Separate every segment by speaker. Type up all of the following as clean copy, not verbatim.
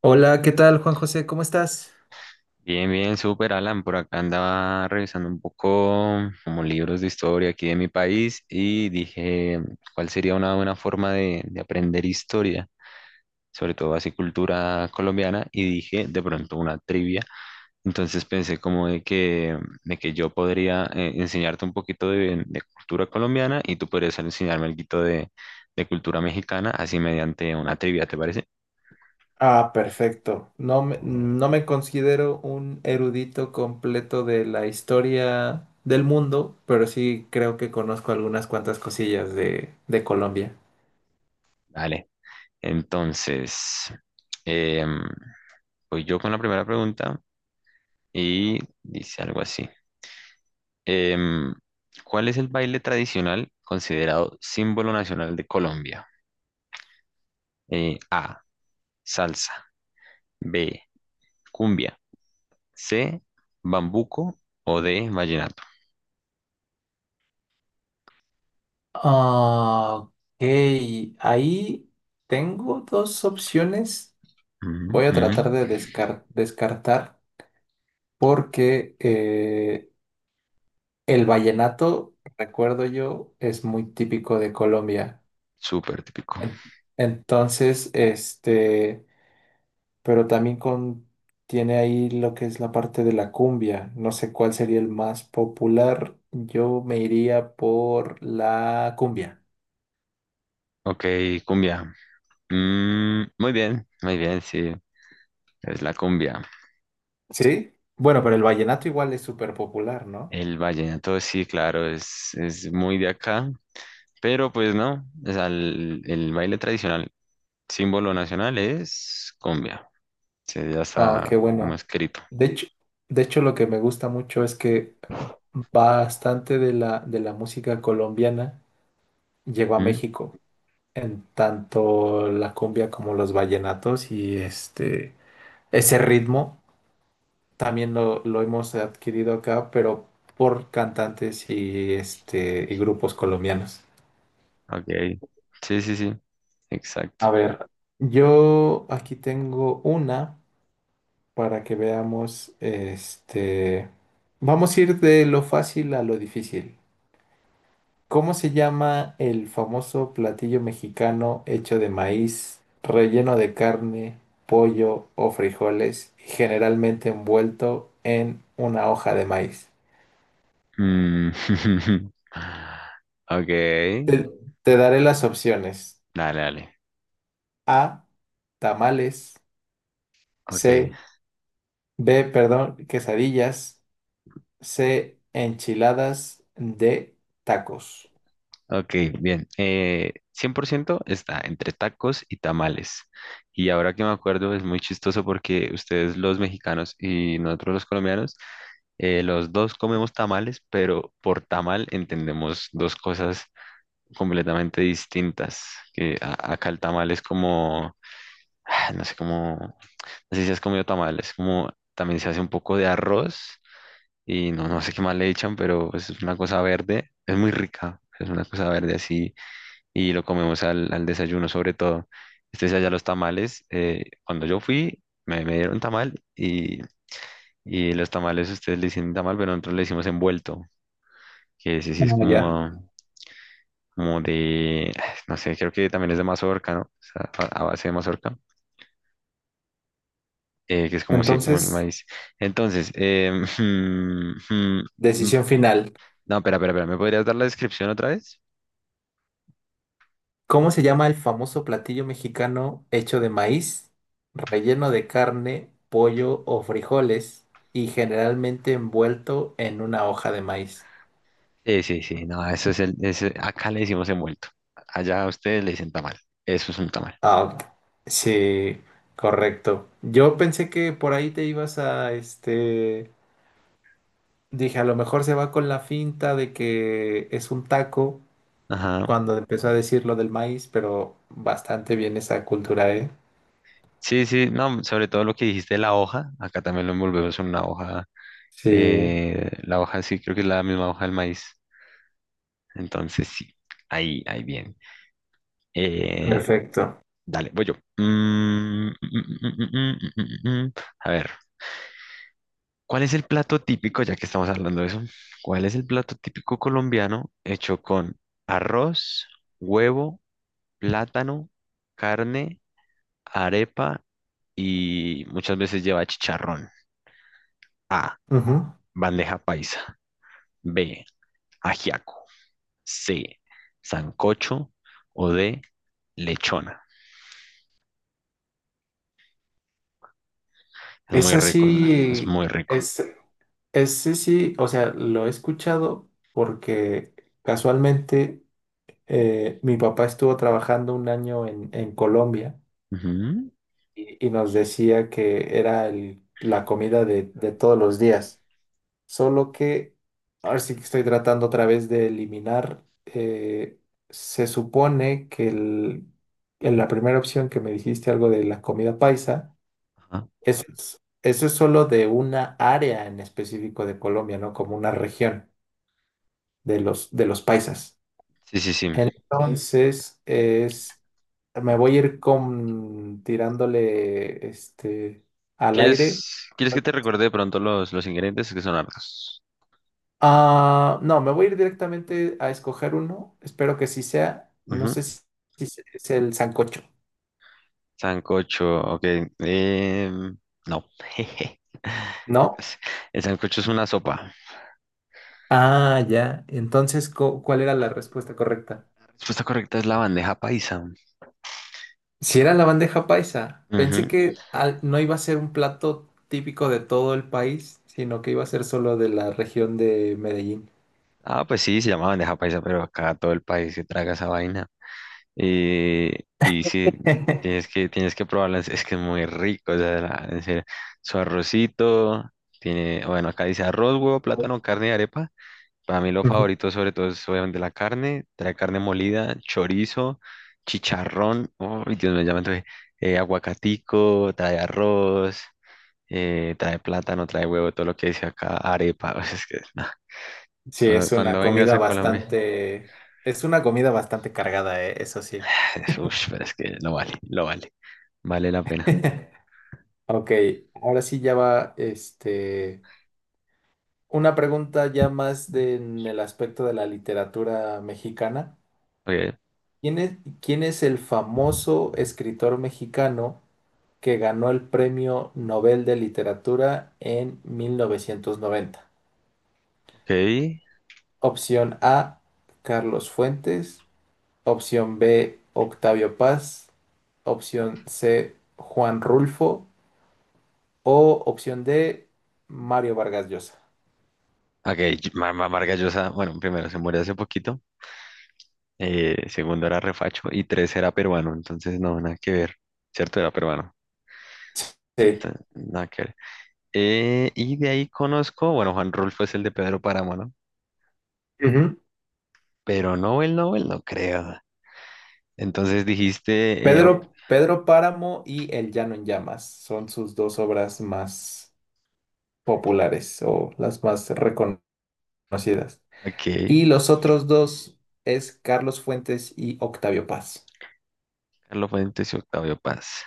Speaker 1: Hola, ¿qué tal, Juan José? ¿Cómo estás?
Speaker 2: Bien, bien, súper Alan. Por acá andaba revisando un poco como libros de historia aquí de mi país y dije, ¿cuál sería una buena forma de aprender historia? Sobre todo así cultura colombiana y dije de pronto una trivia. Entonces pensé como de que yo podría enseñarte un poquito de cultura colombiana y tú podrías enseñarme algo de cultura mexicana así mediante una trivia, ¿te parece?
Speaker 1: Ah, perfecto. No me considero un erudito completo de la historia del mundo, pero sí creo que conozco algunas cuantas cosillas de Colombia.
Speaker 2: Vale. Entonces... em, voy yo con la primera pregunta y dice algo así. Em, ¿Cuál es el baile tradicional considerado símbolo nacional de Colombia? A, salsa, B, cumbia, C, bambuco o D, vallenato.
Speaker 1: Ah, ok, ahí tengo dos opciones.
Speaker 2: Ujú,
Speaker 1: Voy a tratar
Speaker 2: ujú.
Speaker 1: de descartar porque el vallenato, recuerdo yo, es muy típico de Colombia.
Speaker 2: Súper típico.
Speaker 1: En- Entonces, este, pero también con, tiene ahí lo que es la parte de la cumbia. No sé cuál sería el más popular. Yo me iría por la cumbia.
Speaker 2: Ok, cumbia. Mm, muy bien, sí, es la cumbia.
Speaker 1: ¿Sí? Bueno, pero el vallenato igual es súper popular, ¿no?
Speaker 2: El vallenato, sí, claro, es muy de acá, pero pues no, o sea, el baile tradicional símbolo nacional es cumbia. Sí, ya
Speaker 1: Ah, qué
Speaker 2: está como
Speaker 1: bueno.
Speaker 2: escrito.
Speaker 1: De hecho, de hecho, lo que me gusta mucho es que bastante de la música colombiana llegó a
Speaker 2: ¿Mm?
Speaker 1: México, en tanto la cumbia como los vallenatos y este ese ritmo también lo hemos adquirido acá, pero por cantantes y, este, y grupos colombianos.
Speaker 2: Ok. Sí, sí, sí. Exacto.
Speaker 1: A ver, yo aquí tengo una para que veamos, este, vamos a ir de lo fácil a lo difícil. ¿Cómo se llama el famoso platillo mexicano hecho de maíz, relleno de carne, pollo o frijoles y generalmente envuelto en una hoja de maíz?
Speaker 2: Mm. Ok.
Speaker 1: Te, te daré las opciones.
Speaker 2: Dale, dale.
Speaker 1: A, tamales,
Speaker 2: Ok.
Speaker 1: C, B, perdón, quesadillas, C, enchiladas, D, tacos.
Speaker 2: Ok, bien. 100% está entre tacos y tamales. Y ahora que me acuerdo, es muy chistoso porque ustedes los mexicanos y nosotros los colombianos, los dos comemos tamales, pero por tamal entendemos dos cosas completamente distintas. Que acá el tamal es como, ah, no sé cómo, no sé si has comido tamal, es como también se hace un poco de arroz y no, no sé qué más le echan, pero pues es una cosa verde, es muy rica, es una cosa verde así y lo comemos al, al desayuno sobre todo. Este allá los tamales. Cuando yo fui, me dieron tamal y los tamales ustedes le dicen tamal, pero nosotros le decimos envuelto, que sí, sí es
Speaker 1: Ah, ya.
Speaker 2: como como de, no sé, creo que también es de mazorca, ¿no? O sea, a base de mazorca, que es como sí, como el
Speaker 1: Entonces,
Speaker 2: maíz. Entonces, mm, mm, mm,
Speaker 1: decisión final.
Speaker 2: no, espera, espera, espera, ¿me podrías dar la descripción otra vez?
Speaker 1: ¿Cómo se llama el famoso platillo mexicano hecho de maíz, relleno de carne, pollo o frijoles y generalmente envuelto en una hoja de maíz?
Speaker 2: Sí, sí, sí, no, eso es acá le decimos envuelto, allá a ustedes le dicen tamal, eso es un tamal.
Speaker 1: Ah, ok, sí, correcto. Yo pensé que por ahí te ibas a este. Dije, a lo mejor se va con la finta de que es un taco
Speaker 2: Ajá.
Speaker 1: cuando empezó a decir lo del maíz, pero bastante bien esa cultura, ¿eh?
Speaker 2: Sí, sí, no, sobre todo lo que dijiste de la hoja, acá también lo envolvemos en una hoja,
Speaker 1: Sí,
Speaker 2: la hoja sí, creo que es la misma hoja del maíz, entonces sí, ahí, ahí bien. Eh,
Speaker 1: perfecto.
Speaker 2: Dale, voy yo. Mm, mm, mm, mm, mm, mm, mm, mm. mm, mm. A ver, ¿cuál es el plato típico, ya que estamos hablando de eso? ¿Cuál es el plato típico colombiano hecho con arroz, huevo, plátano, carne, arepa y muchas veces lleva chicharrón? A,
Speaker 1: Ujú.
Speaker 2: bandeja paisa. B, ajiaco. C, sancocho o D, lechona. Es muy
Speaker 1: Esa
Speaker 2: rico, es
Speaker 1: sí,
Speaker 2: muy rico.
Speaker 1: es, ese sí, sí, o sea, lo he escuchado porque casualmente mi papá estuvo trabajando un año en Colombia
Speaker 2: Ujú.
Speaker 1: y nos decía que era la comida de todos los días. Solo que ahora sí que estoy tratando otra vez de eliminar. Se supone que en la primera opción que me dijiste algo de la comida paisa,
Speaker 2: Ajá.
Speaker 1: eso es solo de una área en específico de Colombia, ¿no? Como una región de de los paisas.
Speaker 2: Sí, sí, sí.
Speaker 1: Entonces, es, me voy a ir con, tirándole este, al aire.
Speaker 2: ¿Quieres, quieres que te recuerde de pronto los ingredientes que son hartos?
Speaker 1: Ah, no, me voy a ir directamente a escoger uno. Espero que sí sea. No
Speaker 2: Ujú.
Speaker 1: sé si, si es el sancocho,
Speaker 2: Sancocho, ok. em, no.
Speaker 1: ¿no?
Speaker 2: El sancocho es una sopa.
Speaker 1: Ah, ya. Entonces, ¿cuál era la respuesta correcta?
Speaker 2: La respuesta correcta es la bandeja paisa.
Speaker 1: Si era la bandeja paisa. Pensé
Speaker 2: Ujú.
Speaker 1: que no iba a ser un plato típico de todo el país, sino que iba a ser solo de la región de Medellín.
Speaker 2: Ah, pues sí, se llama bandeja paisa, pero acá todo el país se traga esa vaina. Y y sí, tienes que probarla, es que es muy rico, o sea, en serio. Su arrocito, tiene, bueno, acá dice arroz, huevo, plátano, carne y arepa. Para mí lo
Speaker 1: Ujú.
Speaker 2: favorito sobre todo es obviamente la carne, trae carne molida, chorizo, chicharrón, oh, Dios mío, ya me antojé, aguacatico, trae arroz, trae plátano, trae huevo, todo lo que dice acá, arepa, o sea, es que nah,
Speaker 1: Sí,
Speaker 2: cuando
Speaker 1: es una
Speaker 2: cuando vengas
Speaker 1: comida
Speaker 2: a Colombia,
Speaker 1: bastante, es una comida bastante cargada, eso sí.
Speaker 2: uff, pero es que lo vale, vale la pena.
Speaker 1: Ok, ahora sí ya va, este, una pregunta ya más en el aspecto de la literatura mexicana.
Speaker 2: Ok,
Speaker 1: ¿Quién es el famoso escritor mexicano que ganó el Premio Nobel de Literatura en 1990?
Speaker 2: ok,
Speaker 1: Opción A, Carlos Fuentes. Opción B, Octavio Paz. Opción C, Juan Rulfo. O opción D, Mario Vargas Llosa.
Speaker 2: ok, Vargas Llosa, bueno, primero se murió hace poquito, segundo era refacho y tres era peruano, entonces no, nada que ver, ¿cierto? Era peruano.
Speaker 1: Sí.
Speaker 2: Entonces, nada que ver. Y de ahí conozco, bueno, Juan Rulfo es el de Pedro Páramo, ¿no? Pero Nobel, Nobel, no creo. Entonces dijiste, ok,
Speaker 1: Pedro Páramo y El Llano en Llamas son sus dos obras más populares o las más reconocidas.
Speaker 2: ok,
Speaker 1: Y los otros dos es Carlos Fuentes y Octavio Paz.
Speaker 2: Carlos Fuentes y Octavio Paz.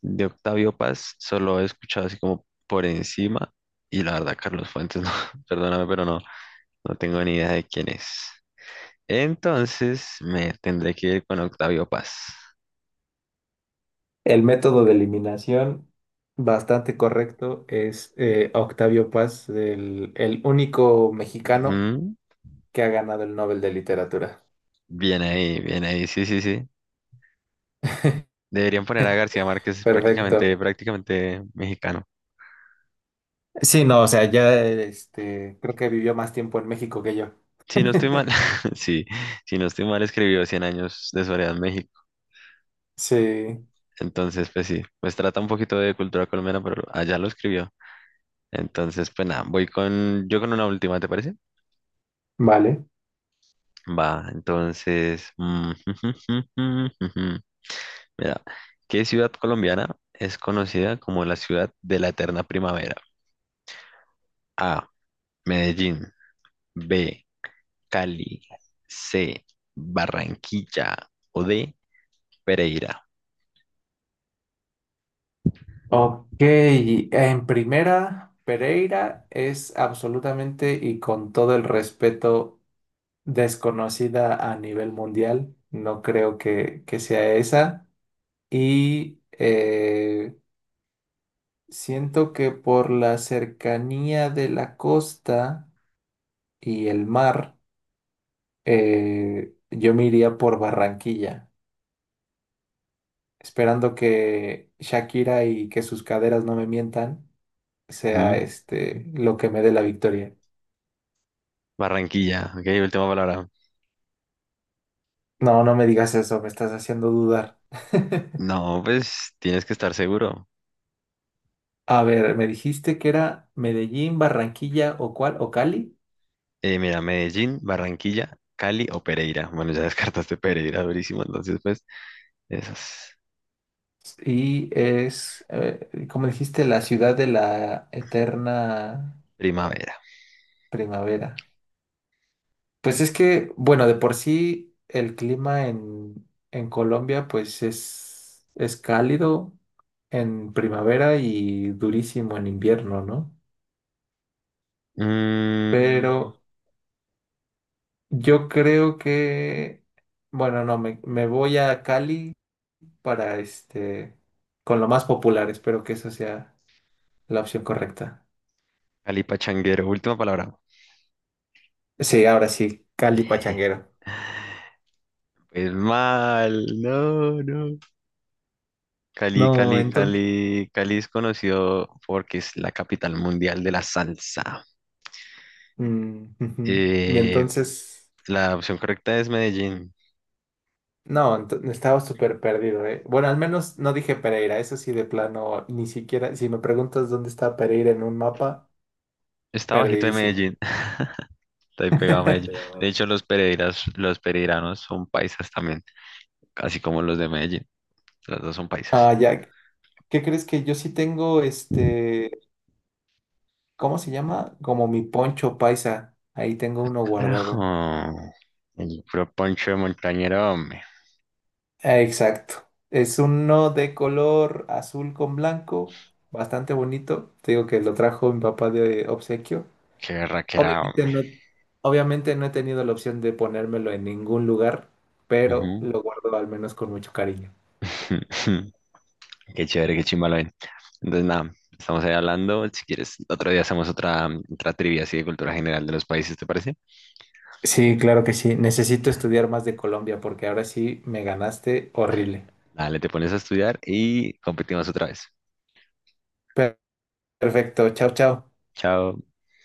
Speaker 2: De Octavio Paz solo he escuchado así como por encima. Y la verdad, Carlos Fuentes, no, perdóname, pero no, no tengo ni idea de quién es. Entonces me tendré que ir con Octavio Paz.
Speaker 1: El método de eliminación, bastante correcto, es Octavio Paz, el único mexicano
Speaker 2: Ujú,
Speaker 1: que ha ganado el Nobel de Literatura.
Speaker 2: bien ahí, bien ahí, sí, sí, sí. Deberían poner a García Márquez, es
Speaker 1: Perfecto.
Speaker 2: prácticamente, prácticamente mexicano.
Speaker 1: Sí, no, o sea, ya este, creo que vivió más tiempo en México que yo.
Speaker 2: Si no estoy mal, sí, si no estoy mal, escribió Cien Años de Soledad en México.
Speaker 1: Sí,
Speaker 2: Entonces, pues sí, pues trata un poquito de cultura colombiana, pero allá lo escribió. Entonces, pues nada, voy con, yo con una última, ¿te parece?
Speaker 1: vale.
Speaker 2: Va, entonces, mira, ¿qué ciudad colombiana es conocida como la ciudad de la eterna primavera? A, Medellín, B, Cali, C, Barranquilla o D, Pereira.
Speaker 1: Ok, en primera, Pereira es absolutamente y con todo el respeto desconocida a nivel mundial. No creo que sea esa. Y siento que por la cercanía de la costa y el mar, yo me iría por Barranquilla, esperando que Shakira y que sus caderas no me mientan, sea este lo que me dé la victoria.
Speaker 2: Barranquilla, ok, última palabra.
Speaker 1: No, no me digas eso, me estás haciendo dudar.
Speaker 2: No, pues tienes que estar seguro.
Speaker 1: A ver, me dijiste que era Medellín, Barranquilla o cuál, o Cali.
Speaker 2: Mira, Medellín, Barranquilla, Cali o Pereira. Bueno, ya descartaste Pereira, durísimo. Entonces, pues, esas.
Speaker 1: Y es, como dijiste, la ciudad de la eterna
Speaker 2: Primavera.
Speaker 1: primavera. Pues es que, bueno, de por sí el clima en Colombia pues es cálido en primavera y durísimo en invierno, ¿no? Mm,
Speaker 2: Mm,
Speaker 1: pero yo creo que, bueno, no, me voy a Cali para este, con lo más popular. Espero que eso sea la opción correcta.
Speaker 2: Cali Pachanguero, última palabra.
Speaker 1: Sí, ahora sí, Cali Pachanguero.
Speaker 2: Pues mal, no, no. Cali,
Speaker 1: No,
Speaker 2: Cali,
Speaker 1: entonces,
Speaker 2: Cali. Cali es conocido porque es la capital mundial de la salsa.
Speaker 1: híjole. Y
Speaker 2: Eh,
Speaker 1: entonces,
Speaker 2: la opción correcta es Medellín.
Speaker 1: no, estaba súper perdido, ¿eh? Bueno, al menos no dije Pereira, eso sí, de plano, ni siquiera, si me preguntas dónde está Pereira en un mapa,
Speaker 2: Está bajito de
Speaker 1: perdidísimo.
Speaker 2: Medellín. Está ahí
Speaker 1: No,
Speaker 2: pegado a Medellín. De hecho,
Speaker 1: te.
Speaker 2: los Pereiras, los pereiranos son paisas también, así como los de Medellín. Los dos son paisas.
Speaker 1: Ah, ya. ¿Qué crees que yo sí tengo este, ¿cómo se llama? Como mi poncho paisa. Ahí tengo
Speaker 2: Ah,
Speaker 1: uno
Speaker 2: carajo.
Speaker 1: guardado.
Speaker 2: El puro poncho de montañero, hombre.
Speaker 1: Exacto. Es uno de color azul con blanco, bastante bonito. Te digo que lo trajo mi papá de obsequio.
Speaker 2: Qué raquera,
Speaker 1: Obviamente
Speaker 2: hombre.
Speaker 1: no, obviamente no he tenido la opción de ponérmelo en ningún lugar, pero
Speaker 2: Ujú.
Speaker 1: lo guardo al menos con mucho cariño.
Speaker 2: Qué chévere, qué chimba lo ven. Entonces, nada, estamos ahí hablando. Si quieres, otro día hacemos otra, otra trivia así de cultura general de los países, ¿te parece?
Speaker 1: Sí, claro que sí. Necesito estudiar más de Colombia porque ahora sí me ganaste horrible.
Speaker 2: Dale, te pones a estudiar y competimos otra vez.
Speaker 1: Per- Perfecto. Chao, chao.
Speaker 2: Chao.